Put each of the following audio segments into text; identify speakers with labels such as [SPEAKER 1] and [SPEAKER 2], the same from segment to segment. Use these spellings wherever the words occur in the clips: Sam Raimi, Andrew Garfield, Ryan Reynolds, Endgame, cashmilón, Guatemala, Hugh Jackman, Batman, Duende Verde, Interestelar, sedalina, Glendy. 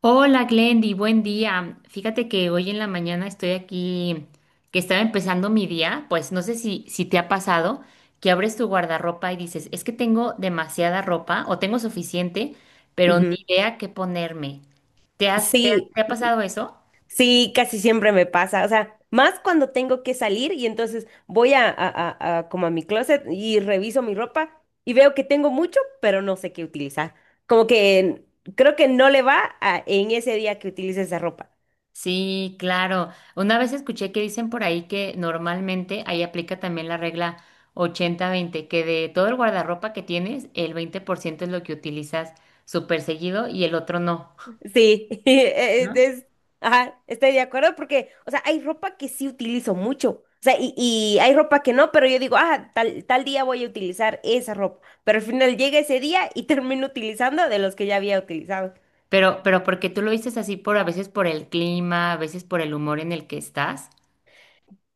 [SPEAKER 1] Hola Glendy, buen día. Fíjate que hoy en la mañana estoy aquí, que estaba empezando mi día, pues no sé si te ha pasado que abres tu guardarropa y dices, es que tengo demasiada ropa o tengo suficiente, pero ni
[SPEAKER 2] Ujú.
[SPEAKER 1] idea qué ponerme. ¿Te has- te ha
[SPEAKER 2] Sí,
[SPEAKER 1] te ha pasado eso?
[SPEAKER 2] Sí, casi siempre me pasa, o sea, más cuando tengo que salir y entonces voy a como a mi closet y reviso mi ropa y veo que tengo mucho, pero no sé qué utilizar. Como que creo que no le va a- en ese día que utilice esa ropa.
[SPEAKER 1] Sí, claro. Una vez escuché que dicen por ahí que normalmente ahí aplica también la regla 80/20, que de todo el guardarropa que tienes, el 20% es lo que utilizas súper seguido y el otro no,
[SPEAKER 2] Sí,
[SPEAKER 1] ¿no?
[SPEAKER 2] ajá, estoy de acuerdo porque, o sea, hay ropa que sí utilizo mucho, o sea, y hay ropa que no, pero yo digo, ah, tal día voy a utilizar esa ropa, pero al final llega ese día y termino utilizando de los que ya había utilizado.
[SPEAKER 1] Pero porque tú lo dices así por a veces por el clima, a veces por el humor en el que estás.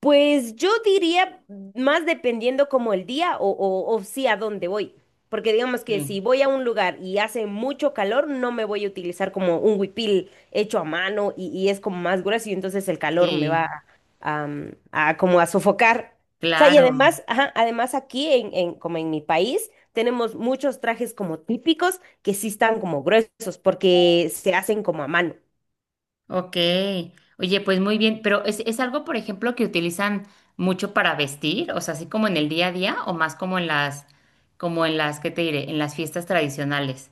[SPEAKER 2] Pues yo diría más dependiendo como el día o sí a dónde voy. Porque digamos que
[SPEAKER 1] Sí.
[SPEAKER 2] si voy a un lugar y hace mucho calor, no me voy a utilizar como un huipil hecho a mano y es como más grueso y entonces el calor me
[SPEAKER 1] Sí,
[SPEAKER 2] va a como a sofocar. O sea, y
[SPEAKER 1] claro.
[SPEAKER 2] además, ajá, además aquí como en mi país tenemos muchos trajes como típicos que sí están como gruesos porque se hacen como a mano.
[SPEAKER 1] Ok. Oye, pues muy bien, pero es algo, por ejemplo, que utilizan mucho para vestir? O sea, así como en el día a día o más como en las, ¿qué te diré? En las fiestas tradicionales.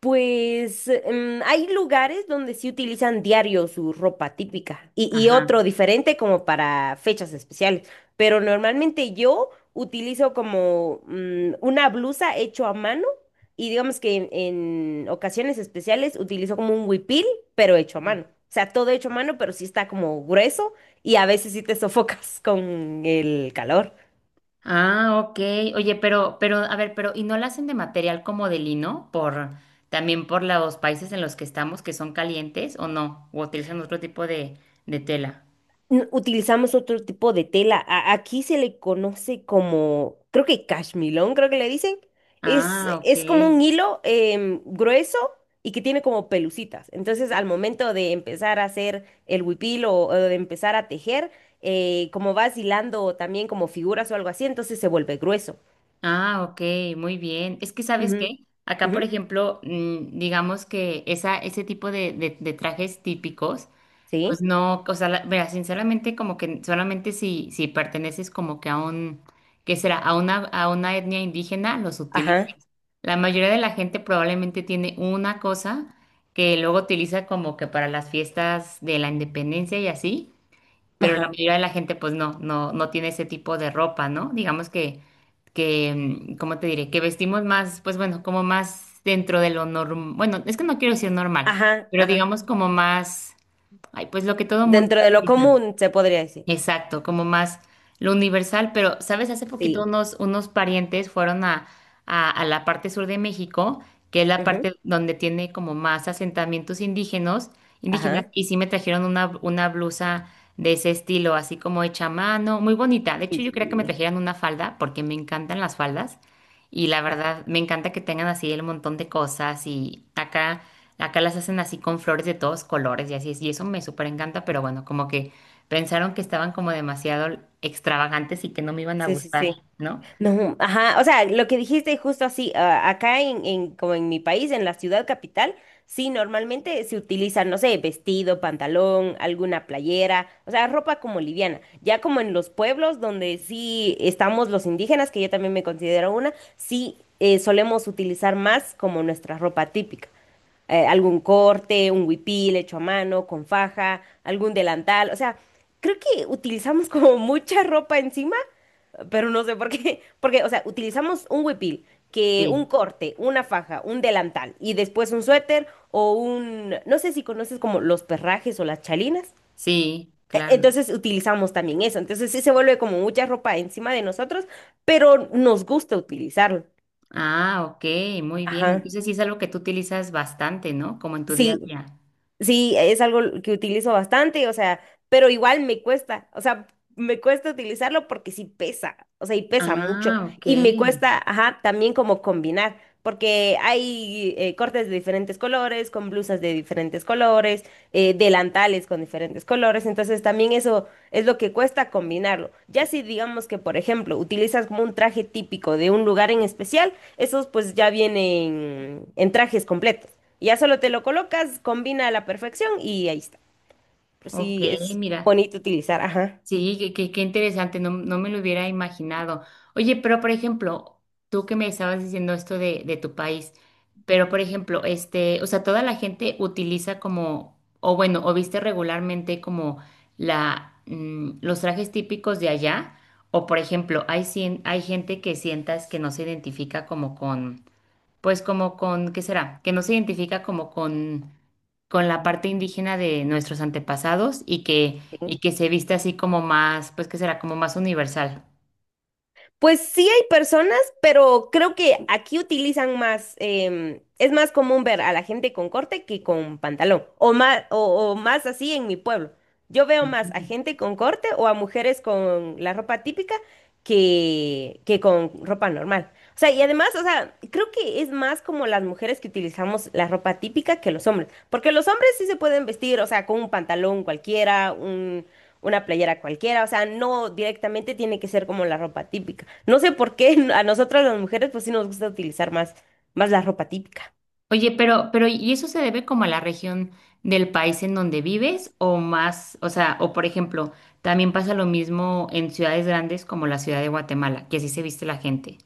[SPEAKER 2] Pues hay lugares donde sí utilizan diario su ropa típica y
[SPEAKER 1] Ajá.
[SPEAKER 2] otro diferente como para fechas especiales, pero normalmente yo utilizo como una blusa hecho a mano y digamos que en ocasiones especiales utilizo como un huipil, pero hecho a mano. O sea, todo hecho a mano, pero sí está como grueso y a veces sí te sofocas con el calor.
[SPEAKER 1] Ah, ok. Oye, pero, a ver, pero, ¿y no la hacen de material como de lino? Por, también por los países en los que estamos que son calientes o no, o utilizan otro tipo de tela.
[SPEAKER 2] Utilizamos otro tipo de tela. Aquí se le conoce como, creo que cashmilón, creo que le dicen. Es,
[SPEAKER 1] Ah, ok.
[SPEAKER 2] es como un hilo grueso y que tiene como pelucitas. Entonces, al momento de empezar a hacer el huipil o de empezar a tejer, como vas hilando también como figuras o algo así, entonces se vuelve grueso.
[SPEAKER 1] Ah, ok, muy bien. Es que, ¿sabes
[SPEAKER 2] Ujú,
[SPEAKER 1] qué? Acá,
[SPEAKER 2] ujú.
[SPEAKER 1] por ejemplo, digamos que esa, ese tipo de trajes típicos, pues
[SPEAKER 2] Sí.
[SPEAKER 1] no, o sea, la- mira, sinceramente, como que solamente si perteneces como que a un, ¿qué será? A una etnia indígena, los utilizas.
[SPEAKER 2] Ajá.
[SPEAKER 1] La mayoría de la gente probablemente tiene una cosa que luego utiliza como que para las fiestas de la independencia y así, pero la
[SPEAKER 2] Ajá.
[SPEAKER 1] mayoría de la gente pues no, no, no tiene ese tipo de ropa, ¿no? Digamos que, ¿cómo te diré? Que vestimos más, pues bueno, como más dentro de lo normal, bueno, es que no quiero decir normal,
[SPEAKER 2] Ajá.
[SPEAKER 1] pero
[SPEAKER 2] Ajá.
[SPEAKER 1] digamos como más, ay, pues lo que todo mundo
[SPEAKER 2] Dentro de lo
[SPEAKER 1] utiliza.
[SPEAKER 2] común, se podría decir.
[SPEAKER 1] Exacto, como más lo universal, pero, ¿sabes? Hace poquito
[SPEAKER 2] Sí.
[SPEAKER 1] unos parientes fueron a la parte sur de México, que es la
[SPEAKER 2] Ujú.
[SPEAKER 1] parte donde tiene como más asentamientos indígenas, indígenas,
[SPEAKER 2] Ajá.
[SPEAKER 1] y sí me trajeron una blusa de ese estilo, así como hecha a mano, muy bonita. De
[SPEAKER 2] Sí,
[SPEAKER 1] hecho, yo quería que me
[SPEAKER 2] sí.
[SPEAKER 1] trajeran una falda, porque me encantan las faldas, y la verdad, me encanta que tengan así el montón de cosas, y acá, acá las hacen así con flores de todos colores, y así es, y eso me súper encanta, pero bueno, como que... Pensaron que estaban como demasiado extravagantes y que no me iban a
[SPEAKER 2] Sí, sí,
[SPEAKER 1] gustar,
[SPEAKER 2] sí.
[SPEAKER 1] ¿no?
[SPEAKER 2] No, ajá, o sea, lo que dijiste justo así, ah, acá como en mi país, en la ciudad capital, sí, normalmente se utiliza, no sé, vestido, pantalón, alguna playera, o sea, ropa como liviana. Ya como en los pueblos donde sí estamos los indígenas, que yo también me considero una, sí solemos utilizar más como nuestra ropa típica algún corte, un huipil hecho a mano, con faja, algún delantal, o sea, creo que utilizamos como mucha ropa encima pero no sé por qué, porque, o sea, utilizamos un huipil, que un
[SPEAKER 1] Sí,
[SPEAKER 2] corte, una faja, un delantal y después un suéter o un, no sé si conoces como los perrajes o las chalinas.
[SPEAKER 1] sí, claro.
[SPEAKER 2] Entonces utilizamos también eso. Entonces sí se vuelve como mucha ropa encima de nosotros, pero nos gusta utilizarlo.
[SPEAKER 1] Ah, ok, muy bien.
[SPEAKER 2] Ajá.
[SPEAKER 1] Entonces sí es algo que tú utilizas bastante, ¿no? Como en tu día a
[SPEAKER 2] Sí,
[SPEAKER 1] día.
[SPEAKER 2] sí, es algo que utilizo bastante, o sea, pero igual me cuesta, o sea, me cuesta utilizarlo porque sí pesa, o sea, y pesa mucho.
[SPEAKER 1] Ah, ok,
[SPEAKER 2] Y me cuesta, ajá, también como combinar. Porque hay cortes de diferentes colores, con blusas de diferentes colores, delantales con diferentes colores, entonces también eso es lo que cuesta combinarlo. Ya si digamos que, por ejemplo, utilizas como un traje típico de un lugar en especial, esos pues ya vienen en trajes completos. Ya solo te lo colocas, combina a la perfección y ahí está. Pero
[SPEAKER 1] ok,
[SPEAKER 2] sí es
[SPEAKER 1] mira.
[SPEAKER 2] bonito utilizar, ajá.
[SPEAKER 1] Sí, qué, qué interesante, no, no me lo hubiera imaginado. Oye, pero por ejemplo, tú que me estabas diciendo esto de tu país, pero por ejemplo, este, o sea, toda la gente utiliza como, o bueno, o viste regularmente como la, los trajes típicos de allá, o por ejemplo, hay, cien- hay gente que sientas que no se identifica como con pues como con, ¿qué será? Que no se identifica como con la
[SPEAKER 2] Mm.
[SPEAKER 1] parte indígena de nuestros antepasados
[SPEAKER 2] Sí.
[SPEAKER 1] y que se viste así como más, pues que será como más universal.
[SPEAKER 2] Pues sí hay personas, pero creo que aquí utilizan más, es más común ver a la gente con corte que con pantalón, o más, o más así en mi pueblo. Yo veo más a gente con corte o a mujeres con la ropa típica que con ropa normal. O sea, y además, o sea, creo que es más como las mujeres que utilizamos la ropa típica que los hombres, porque los hombres sí se pueden vestir, o sea, con un pantalón cualquiera, una playera cualquiera, o sea, no directamente tiene que ser como la ropa típica. No sé por qué a nosotras las mujeres pues sí nos gusta utilizar más, más la ropa típica.
[SPEAKER 1] Oye, pero ¿y eso se debe como a la región del país en donde vives o más, o sea, o por ejemplo, también pasa lo mismo en ciudades grandes como la ciudad de Guatemala, que así se viste la gente?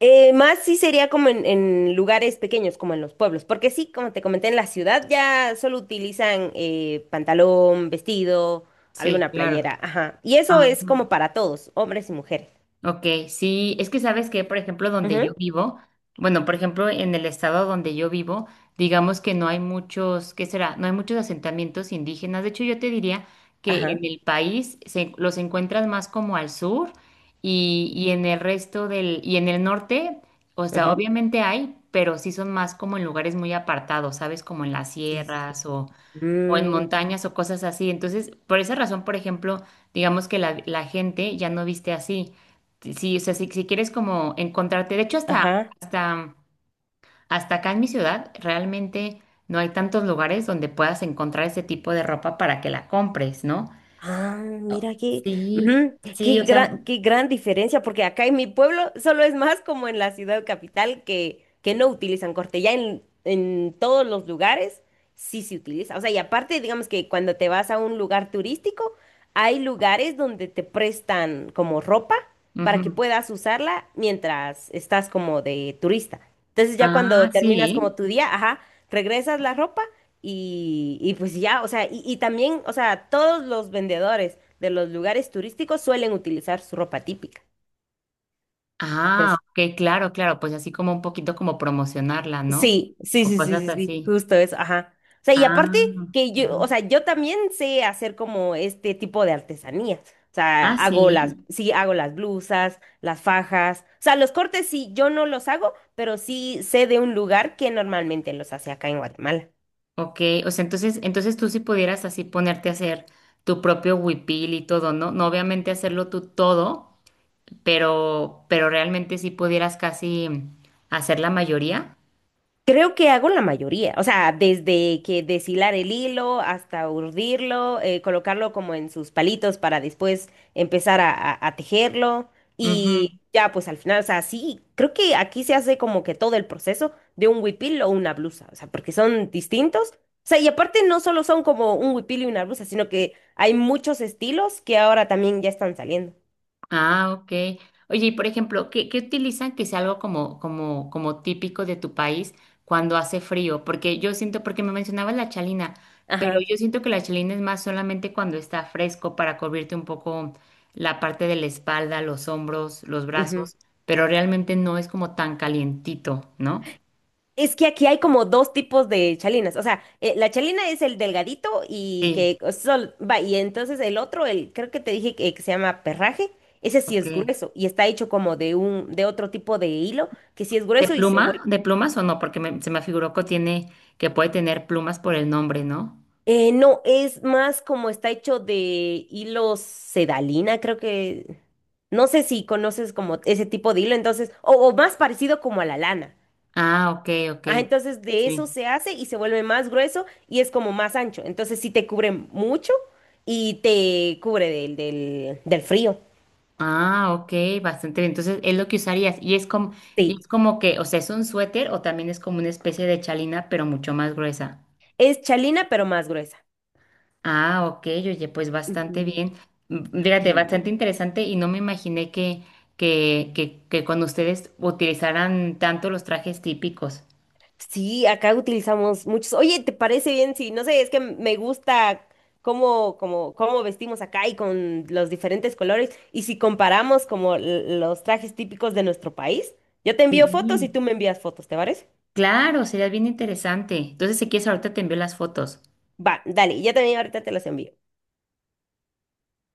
[SPEAKER 2] Más sí sería como en lugares pequeños, como en los pueblos, porque sí, como te comenté, en la ciudad ya solo utilizan pantalón, vestido,
[SPEAKER 1] Sí,
[SPEAKER 2] alguna
[SPEAKER 1] claro.
[SPEAKER 2] playera, ajá. Y eso
[SPEAKER 1] Ajá.
[SPEAKER 2] es como para todos, hombres y mujeres.
[SPEAKER 1] Ok, sí, es que sabes que, por ejemplo, donde yo
[SPEAKER 2] Ujú.
[SPEAKER 1] vivo, bueno, por ejemplo, en el estado donde yo vivo, digamos que no hay muchos, ¿qué será? No hay muchos asentamientos indígenas. De hecho, yo te diría que en
[SPEAKER 2] Ajá.
[SPEAKER 1] el país se- los encuentras más como al sur
[SPEAKER 2] Sí, sí,
[SPEAKER 1] y
[SPEAKER 2] sí.
[SPEAKER 1] en el resto del, y en el norte, o sea,
[SPEAKER 2] Ujú.
[SPEAKER 1] obviamente hay, pero sí son más como en lugares muy apartados, ¿sabes? Como en las
[SPEAKER 2] Sí, sí, sí.
[SPEAKER 1] sierras o en
[SPEAKER 2] Mm,
[SPEAKER 1] montañas o cosas así. Entonces, por esa razón, por ejemplo, digamos que la gente ya no viste así. Sí, o sea, si, si quieres como encontrarte, de hecho, hasta,
[SPEAKER 2] ajá.
[SPEAKER 1] hasta, hasta acá en mi ciudad, realmente no hay tantos lugares donde puedas encontrar ese tipo de ropa para que la compres, ¿no?
[SPEAKER 2] Ah,
[SPEAKER 1] Oh,
[SPEAKER 2] mira qué,
[SPEAKER 1] sí,
[SPEAKER 2] ujú,
[SPEAKER 1] sí, o sea,
[SPEAKER 2] qué gran diferencia, porque acá en mi pueblo solo es más como en la ciudad capital que no utilizan corte. Ya en todos los lugares sí se utiliza. O sea, y aparte, digamos que cuando te vas a un lugar turístico, hay lugares donde te prestan como ropa para que
[SPEAKER 1] ujú.
[SPEAKER 2] puedas usarla mientras estás como de turista. Entonces ya cuando
[SPEAKER 1] Ah,
[SPEAKER 2] terminas como
[SPEAKER 1] sí.
[SPEAKER 2] tu día, ajá, regresas la ropa y pues ya, o sea, y también, o sea, todos los vendedores de los lugares turísticos suelen utilizar su ropa típica.
[SPEAKER 1] Ah,
[SPEAKER 2] Entonces,
[SPEAKER 1] ok, claro, claro, pues así como un poquito como promocionarla, ¿no?
[SPEAKER 2] sí, sí,
[SPEAKER 1] O
[SPEAKER 2] sí, sí,
[SPEAKER 1] cosas
[SPEAKER 2] sí, sí,
[SPEAKER 1] así.
[SPEAKER 2] justo eso, ajá. O sea, y
[SPEAKER 1] Ah,
[SPEAKER 2] aparte que yo, o
[SPEAKER 1] ujú.
[SPEAKER 2] sea, yo también sé hacer como este tipo de artesanías. O sea,
[SPEAKER 1] Ah, sí.
[SPEAKER 2] sí, hago las blusas, las fajas. O sea, los cortes sí, yo no los hago, pero sí sé de un lugar que normalmente los hace acá en Guatemala.
[SPEAKER 1] Ok, o sea, entonces, entonces tú sí pudieras así ponerte a hacer tu propio huipil y todo, ¿no? No obviamente hacerlo tú todo, pero realmente sí pudieras casi hacer la mayoría.
[SPEAKER 2] Creo que hago la mayoría, o sea, desde que deshilar el hilo hasta urdirlo, colocarlo como en sus palitos para después empezar a tejerlo
[SPEAKER 1] Ujú.
[SPEAKER 2] y ya pues al final, o sea, sí, creo que aquí se hace como que todo el proceso de un huipil o una blusa, o sea, porque son distintos, o sea, y aparte no solo son como un huipil y una blusa, sino que hay muchos estilos que ahora también ya están saliendo.
[SPEAKER 1] Ah, ok. Oye, y por ejemplo, ¿qué, qué utilizan que sea algo como, como, como típico de tu país cuando hace frío? Porque yo siento, porque me mencionabas la chalina, pero
[SPEAKER 2] Ajá.
[SPEAKER 1] yo siento que la chalina es más solamente cuando está fresco para cubrirte un poco la parte de la espalda, los hombros, los brazos, pero realmente no es como tan calientito, ¿no?
[SPEAKER 2] Es que aquí hay como dos tipos de chalinas. O sea, la chalina es el delgadito y
[SPEAKER 1] Sí,
[SPEAKER 2] que sol, va, y entonces el otro, el, creo que te dije que se llama perraje, ese sí
[SPEAKER 1] ok.
[SPEAKER 2] es grueso y está hecho como de un, de otro tipo de hilo, que sí es
[SPEAKER 1] ¿De
[SPEAKER 2] grueso y se
[SPEAKER 1] pluma?
[SPEAKER 2] vuelve.
[SPEAKER 1] ¿De plumas o no? Porque me- se me figuró que tiene, que puede tener plumas por el nombre, ¿no?
[SPEAKER 2] No, es más como está hecho de hilo sedalina, creo que. No sé si conoces como ese tipo de hilo, entonces, o más parecido como a la lana.
[SPEAKER 1] Ah, ok, ok.
[SPEAKER 2] Ah, entonces de eso
[SPEAKER 1] Sí.
[SPEAKER 2] se hace y se vuelve más grueso y es como más ancho. Entonces sí te cubre mucho y te cubre del frío.
[SPEAKER 1] Ah, ok, bastante bien. Entonces es lo que usarías. Y es
[SPEAKER 2] Sí,
[SPEAKER 1] como que, o sea, es un suéter o también es como una especie de chalina, pero mucho más gruesa.
[SPEAKER 2] es chalina pero más gruesa.
[SPEAKER 1] Ah, ok, oye, pues bastante
[SPEAKER 2] Ujú.
[SPEAKER 1] bien. Fíjate,
[SPEAKER 2] Sí.
[SPEAKER 1] bastante interesante y no me imaginé que cuando ustedes utilizaran tanto los trajes típicos.
[SPEAKER 2] Sí, acá utilizamos muchos. Oye, ¿te parece bien? Sí, no sé, es que me gusta cómo vestimos acá y con los diferentes colores. Y si comparamos como los trajes típicos de nuestro país, yo te envío fotos y
[SPEAKER 1] Sí.
[SPEAKER 2] tú me envías fotos, ¿te parece?
[SPEAKER 1] Claro, sería bien interesante. Entonces, si quieres, ahorita te envío las fotos.
[SPEAKER 2] Va, dale, ya también ahorita te los envío.